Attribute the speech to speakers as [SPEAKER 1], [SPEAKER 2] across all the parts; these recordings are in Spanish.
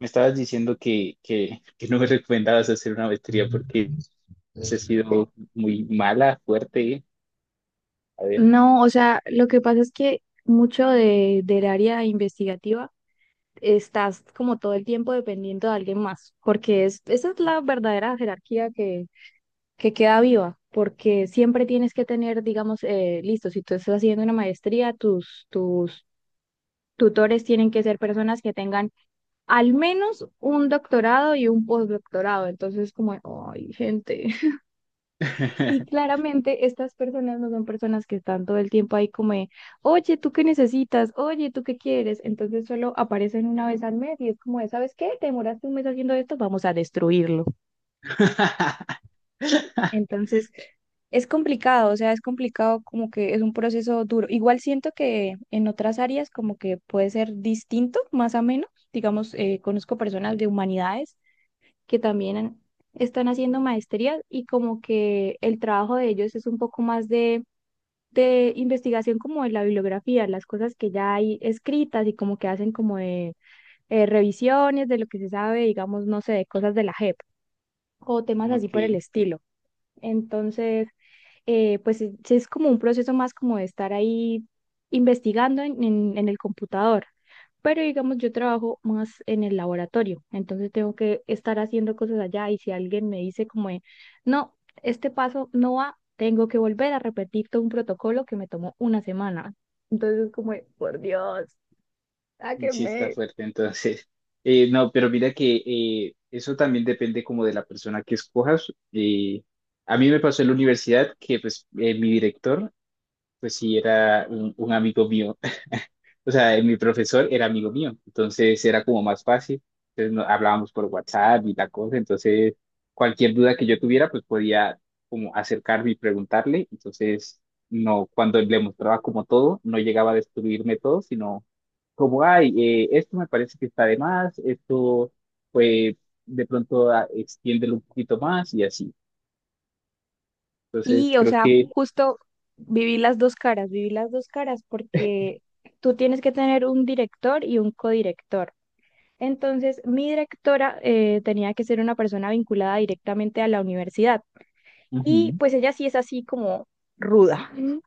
[SPEAKER 1] Me estabas diciendo que no me recomendabas hacer una maestría porque se ha sido muy mala, fuerte. ¿Eh? A ver.
[SPEAKER 2] No, o sea, lo que pasa es que mucho del área investigativa estás como todo el tiempo dependiendo de alguien más, porque es, esa es la verdadera jerarquía que queda viva, porque siempre tienes que tener, digamos, listo, si tú estás haciendo una maestría, tus tutores tienen que ser personas que tengan al menos un doctorado y un postdoctorado, entonces como, ay, gente. Y claramente estas personas no son personas que están todo el tiempo ahí como de, oye, ¿tú qué necesitas? Oye, ¿tú qué quieres? Entonces solo aparecen una vez al mes y es como de, ¿sabes qué? Te demoraste un mes haciendo esto, vamos a destruirlo. Entonces es complicado, o sea, es complicado como que es un proceso duro. Igual siento que en otras áreas como que puede ser distinto, más o menos. Digamos, conozco personas de humanidades que están haciendo maestrías y como que el trabajo de ellos es un poco más de investigación como de la bibliografía, las cosas que ya hay escritas y como que hacen como de revisiones de lo que se sabe, digamos, no sé, de cosas de la JEP o temas así por el
[SPEAKER 1] Ok,
[SPEAKER 2] estilo. Entonces, pues es como un proceso más como de estar ahí investigando en el computador. Pero digamos, yo trabajo más en el laboratorio, entonces tengo que estar haciendo cosas allá y si alguien me dice como, de, no, este paso no va, tengo que volver a repetir todo un protocolo que me tomó una semana. Entonces como, de, por Dios,
[SPEAKER 1] sí está
[SPEAKER 2] sáquenme.
[SPEAKER 1] fuerte entonces. No, pero mira que eso también depende como de la persona que escojas. A mí me pasó en la universidad que pues mi director pues sí era un amigo mío, o sea, mi profesor era amigo mío, entonces era como más fácil. Entonces hablábamos por WhatsApp y la cosa, entonces cualquier duda que yo tuviera, pues podía como acercarme y preguntarle. Entonces, no, cuando le mostraba como todo, no llegaba a destruirme todo, sino como, ay, esto me parece que está de más, esto, pues, de pronto extiéndelo un poquito más y así. Entonces,
[SPEAKER 2] Sí, o
[SPEAKER 1] creo
[SPEAKER 2] sea,
[SPEAKER 1] que...
[SPEAKER 2] justo viví las dos caras, viví las dos caras porque tú tienes que tener un director y un codirector. Entonces, mi directora tenía que ser una persona vinculada directamente a la universidad. Y
[SPEAKER 1] Ujú.
[SPEAKER 2] pues ella sí es así como ruda. Ujú.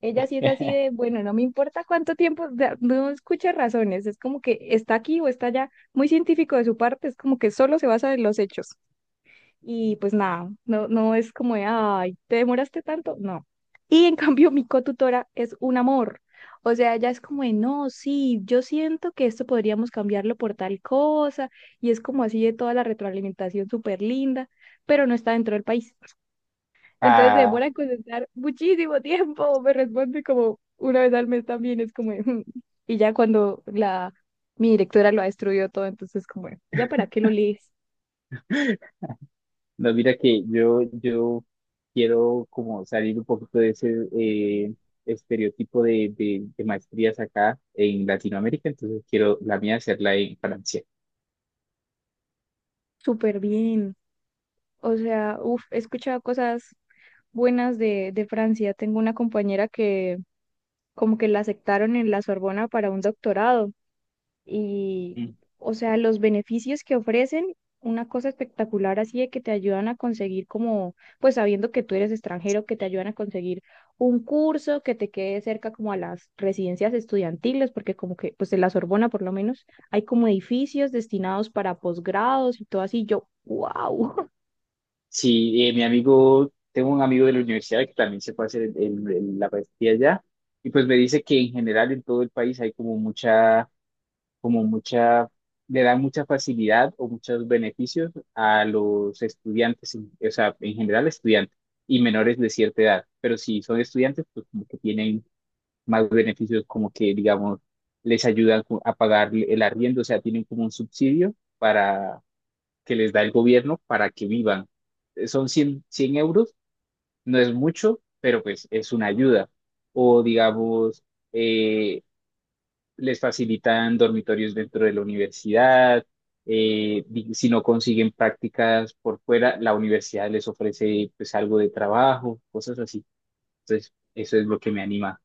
[SPEAKER 2] Ella sí es así de, bueno, no me importa cuánto tiempo, o sea, no escucha razones, es como que está aquí o está allá, muy científico de su parte, es como que solo se basa en los hechos. Y pues nada, no, no es como de, ay, ¿te demoraste tanto? No. Y en cambio, mi cotutora es un amor. O sea, ella es como de, no, sí, yo siento que esto podríamos cambiarlo por tal cosa. Y es como así de toda la retroalimentación súper linda, pero no está dentro del país. Entonces demora
[SPEAKER 1] Ah,
[SPEAKER 2] en contestar muchísimo tiempo. Me responde como una vez al mes también. Es como de, "Mm". Y ya cuando mi directora lo ha destruido todo, entonces como, de, ¿ya para qué lo lees?
[SPEAKER 1] no, mira que yo quiero como salir un poquito de ese eh, estereotipo de maestrías acá en Latinoamérica, entonces quiero la mía hacerla en Francia.
[SPEAKER 2] Súper bien. O sea, uf, he escuchado cosas buenas de Francia. Tengo una compañera que como que la aceptaron en la Sorbona para un doctorado y,
[SPEAKER 1] Mm.
[SPEAKER 2] o sea, los beneficios que ofrecen, una cosa espectacular así de que te ayudan a conseguir como, pues sabiendo que tú eres extranjero, que te ayudan a conseguir un curso que te quede cerca como a las residencias estudiantiles, porque como que, pues en la Sorbona por lo menos hay como edificios destinados para posgrados y todo así. Yo, wow.
[SPEAKER 1] Sí, mi amigo, tengo un amigo de la universidad que también se puede hacer la maestría allá, y pues me dice que en general en todo el país hay como mucha, le da mucha facilidad o muchos beneficios a los estudiantes, o sea, en general estudiantes y menores de cierta edad. Pero si son estudiantes, pues como que tienen más beneficios, como que, digamos, les ayudan a pagar el arriendo, o sea, tienen como un subsidio para que les da el gobierno para que vivan. Son cien euros, no es mucho, pero pues es una ayuda. O digamos, eh, les facilitan dormitorios dentro de la universidad, si no consiguen prácticas por fuera, la universidad les ofrece pues algo de trabajo, cosas así. Entonces, eso es lo que me anima.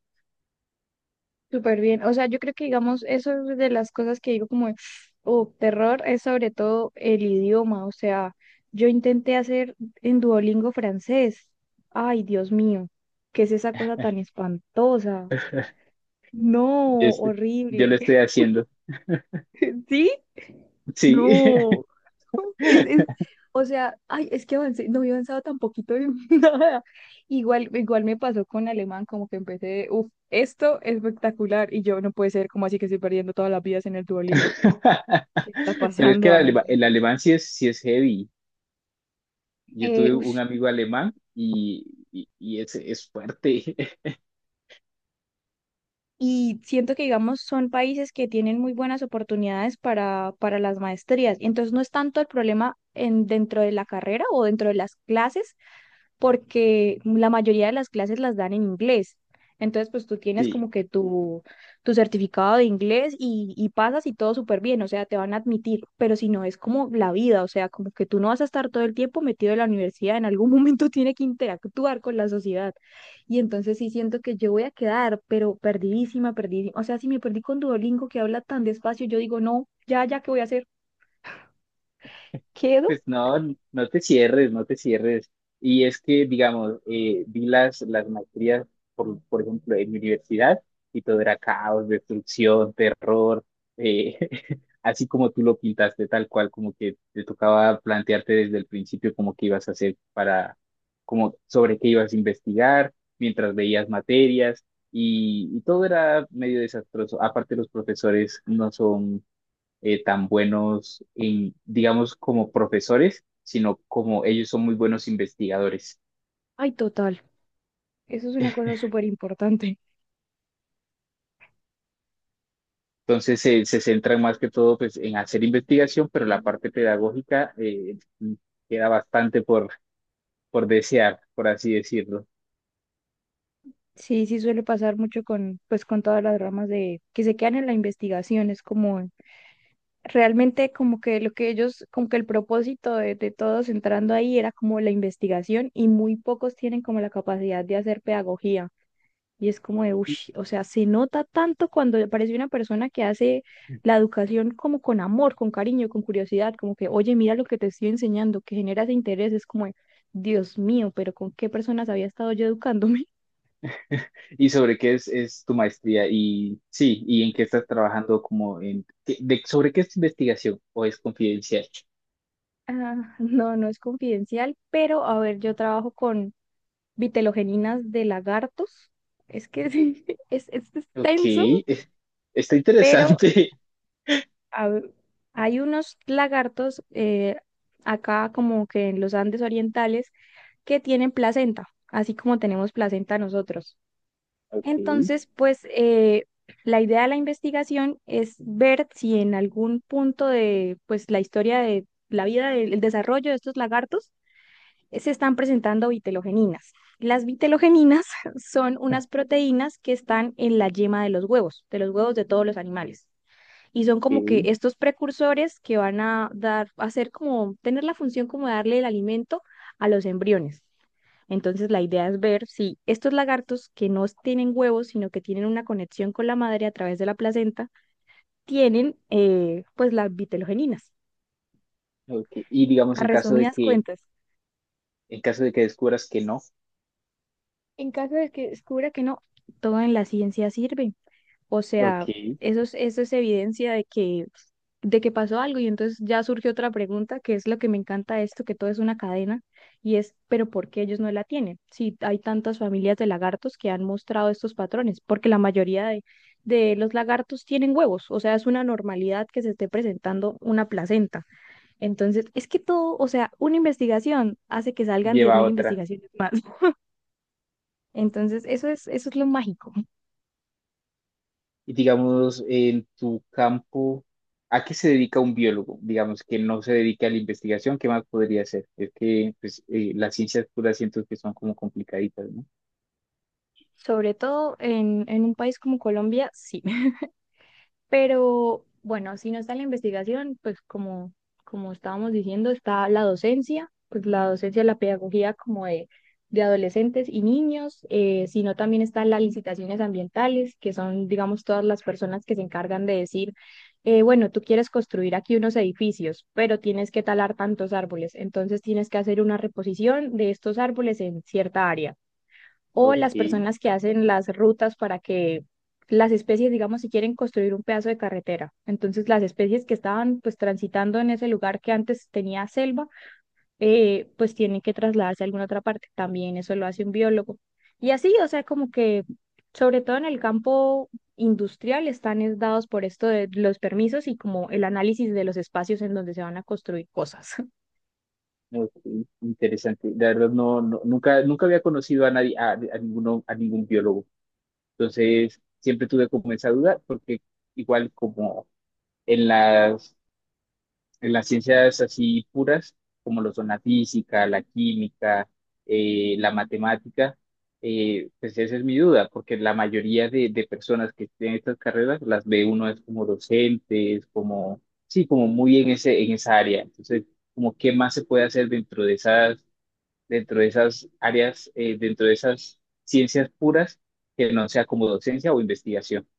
[SPEAKER 2] Súper bien. O sea, yo creo que, digamos, eso es de las cosas que digo como, oh, terror es sobre todo el idioma. O sea, yo intenté hacer en Duolingo francés. Ay, Dios mío, ¿qué es esa cosa tan espantosa? No,
[SPEAKER 1] Yo, estoy- yo lo
[SPEAKER 2] horrible.
[SPEAKER 1] estoy haciendo.
[SPEAKER 2] ¿Sí?
[SPEAKER 1] Sí.
[SPEAKER 2] No. Es, es, o sea, ay, es que avancé, no había avanzado tan poquito en nada. Igual, igual me pasó con alemán, como que empecé, uff, esto es espectacular. Y yo no puede ser, como así que estoy perdiendo todas las vidas en el Duolingo? ¿Qué está
[SPEAKER 1] Pero es que
[SPEAKER 2] pasando,
[SPEAKER 1] el
[SPEAKER 2] amiguitos?
[SPEAKER 1] alemán, sí es heavy. Yo
[SPEAKER 2] Eh,
[SPEAKER 1] tuve un
[SPEAKER 2] ush,
[SPEAKER 1] amigo alemán y, es fuerte.
[SPEAKER 2] y siento que, digamos, son países que tienen muy buenas oportunidades para las maestrías. Entonces, no es tanto el problema en, dentro de la carrera o dentro de las clases, porque la mayoría de las clases las dan en inglés. Entonces, pues tú tienes
[SPEAKER 1] Sí.
[SPEAKER 2] como que tu certificado de inglés y pasas y todo súper bien, o sea, te van a admitir, pero si no, es como la vida, o sea, como que tú no vas a estar todo el tiempo metido en la universidad, en algún momento tiene que interactuar con la sociedad. Y entonces sí siento que yo voy a quedar, pero perdidísima, perdidísima, o sea, si me perdí con Duolingo que habla tan despacio, yo digo, no, ya, ya, ¿qué voy a hacer? ¿Quedo?
[SPEAKER 1] Pues no, no te cierres, no te cierres. Y es que, digamos, vi las maestrías, por ejemplo, en mi universidad, y todo era caos, destrucción, terror, eh, así como tú lo pintaste, tal cual, como que te tocaba plantearte desde el principio como que ibas a hacer para, como sobre qué ibas a investigar, mientras veías materias, y todo era medio desastroso. Aparte, los profesores no son tan buenos, en, digamos, como profesores, sino como ellos son muy buenos investigadores.
[SPEAKER 2] Ay, total, eso es una cosa súper importante.
[SPEAKER 1] Entonces se centran más que todo pues, en hacer investigación, pero la parte pedagógica queda bastante por desear, por así decirlo.
[SPEAKER 2] Sí, sí suele pasar mucho con, pues, con todas las ramas de que se quedan en la investigación. Es como realmente como que lo que ellos, como que el propósito de todos entrando ahí era como la investigación y muy pocos tienen como la capacidad de hacer pedagogía. Y es como de,
[SPEAKER 1] ¿Y,
[SPEAKER 2] uff, o sea, se nota tanto cuando aparece una persona que hace la educación como con amor, con cariño, con curiosidad, como que, oye, mira lo que te estoy enseñando, que genera ese interés. Es como, de, Dios mío, pero ¿con qué personas había estado yo educándome?
[SPEAKER 1] y sobre qué es tu maestría? Y sí, ¿y en qué estás trabajando? Como en, qué- de, ¿Sobre qué es tu investigación o es confidencial?
[SPEAKER 2] Ah, no, no es confidencial, pero a ver, yo trabajo con vitelogeninas de lagartos. Es que sí, es
[SPEAKER 1] Ok,
[SPEAKER 2] extenso,
[SPEAKER 1] está
[SPEAKER 2] pero
[SPEAKER 1] interesante.
[SPEAKER 2] a ver, hay unos lagartos acá como que en los Andes orientales que tienen placenta, así como tenemos placenta nosotros.
[SPEAKER 1] Ok,
[SPEAKER 2] Entonces, pues la idea de la investigación es ver si en algún punto de pues la historia de la vida, del desarrollo de estos lagartos, se están presentando vitelogeninas. Las vitelogeninas son unas proteínas que están en la yema de los huevos, de los huevos de todos los animales. Y son como que
[SPEAKER 1] ok,
[SPEAKER 2] estos precursores que van a dar, a hacer como, tener la función como de darle el alimento a los embriones. Entonces la idea es ver si estos lagartos que no tienen huevos, sino que tienen una conexión con la madre a través de la placenta, tienen pues las vitelogeninas.
[SPEAKER 1] ok. Y digamos
[SPEAKER 2] A resumidas cuentas,
[SPEAKER 1] en caso de que descubras que no,
[SPEAKER 2] en caso de que descubra que no, todo en la ciencia sirve. O
[SPEAKER 1] ok,
[SPEAKER 2] sea, eso es evidencia de que pasó algo y entonces ya surge otra pregunta, que es lo que me encanta de esto, que todo es una cadena, y es, pero ¿por qué ellos no la tienen? Si hay tantas familias de lagartos que han mostrado estos patrones, porque la mayoría de los lagartos tienen huevos, o sea, es una normalidad que se esté presentando una placenta. Entonces, es que todo, o sea, una investigación hace que salgan diez
[SPEAKER 1] lleva a
[SPEAKER 2] mil
[SPEAKER 1] otra.
[SPEAKER 2] investigaciones más. Entonces, eso es lo mágico,
[SPEAKER 1] Y digamos, en tu campo, ¿a qué se dedica un biólogo? Digamos que no se dedica a la investigación, ¿qué más podría hacer? Es que pues, las ciencias puras siento que son como complicaditas, ¿no?
[SPEAKER 2] sobre todo en un país como Colombia, sí. Pero bueno, si no está la investigación, pues como, como estábamos diciendo, está la docencia, pues la docencia, la pedagogía como de adolescentes y niños, sino también están las licitaciones ambientales, que son, digamos, todas las personas que se encargan de decir, bueno, tú quieres construir aquí unos edificios, pero tienes que talar tantos árboles, entonces tienes que hacer una reposición de estos árboles en cierta área. O
[SPEAKER 1] Ok,
[SPEAKER 2] las personas que hacen las rutas para que las especies, digamos, si quieren construir un pedazo de carretera. Entonces, las especies que estaban pues transitando en ese lugar que antes tenía selva, pues tienen que trasladarse a alguna otra parte. También eso lo hace un biólogo. Y así, o sea, como que sobre todo en el campo industrial están es dados por esto de los permisos y como el análisis de los espacios en donde se van a construir cosas.
[SPEAKER 1] ok, interesante. La verdad, nunca, nunca había conocido a nadie, a a ningún biólogo. Entonces, siempre tuve como esa duda, porque igual como en las ciencias así puras, como lo son la física, la química, la matemática, pues esa es mi duda, porque la mayoría de personas que tienen estas carreras las ve uno es como docentes, como, sí, como muy en ese, en esa área. Entonces, como qué más se puede hacer dentro de esas áreas, dentro de esas ciencias puras que no sea como docencia o investigación.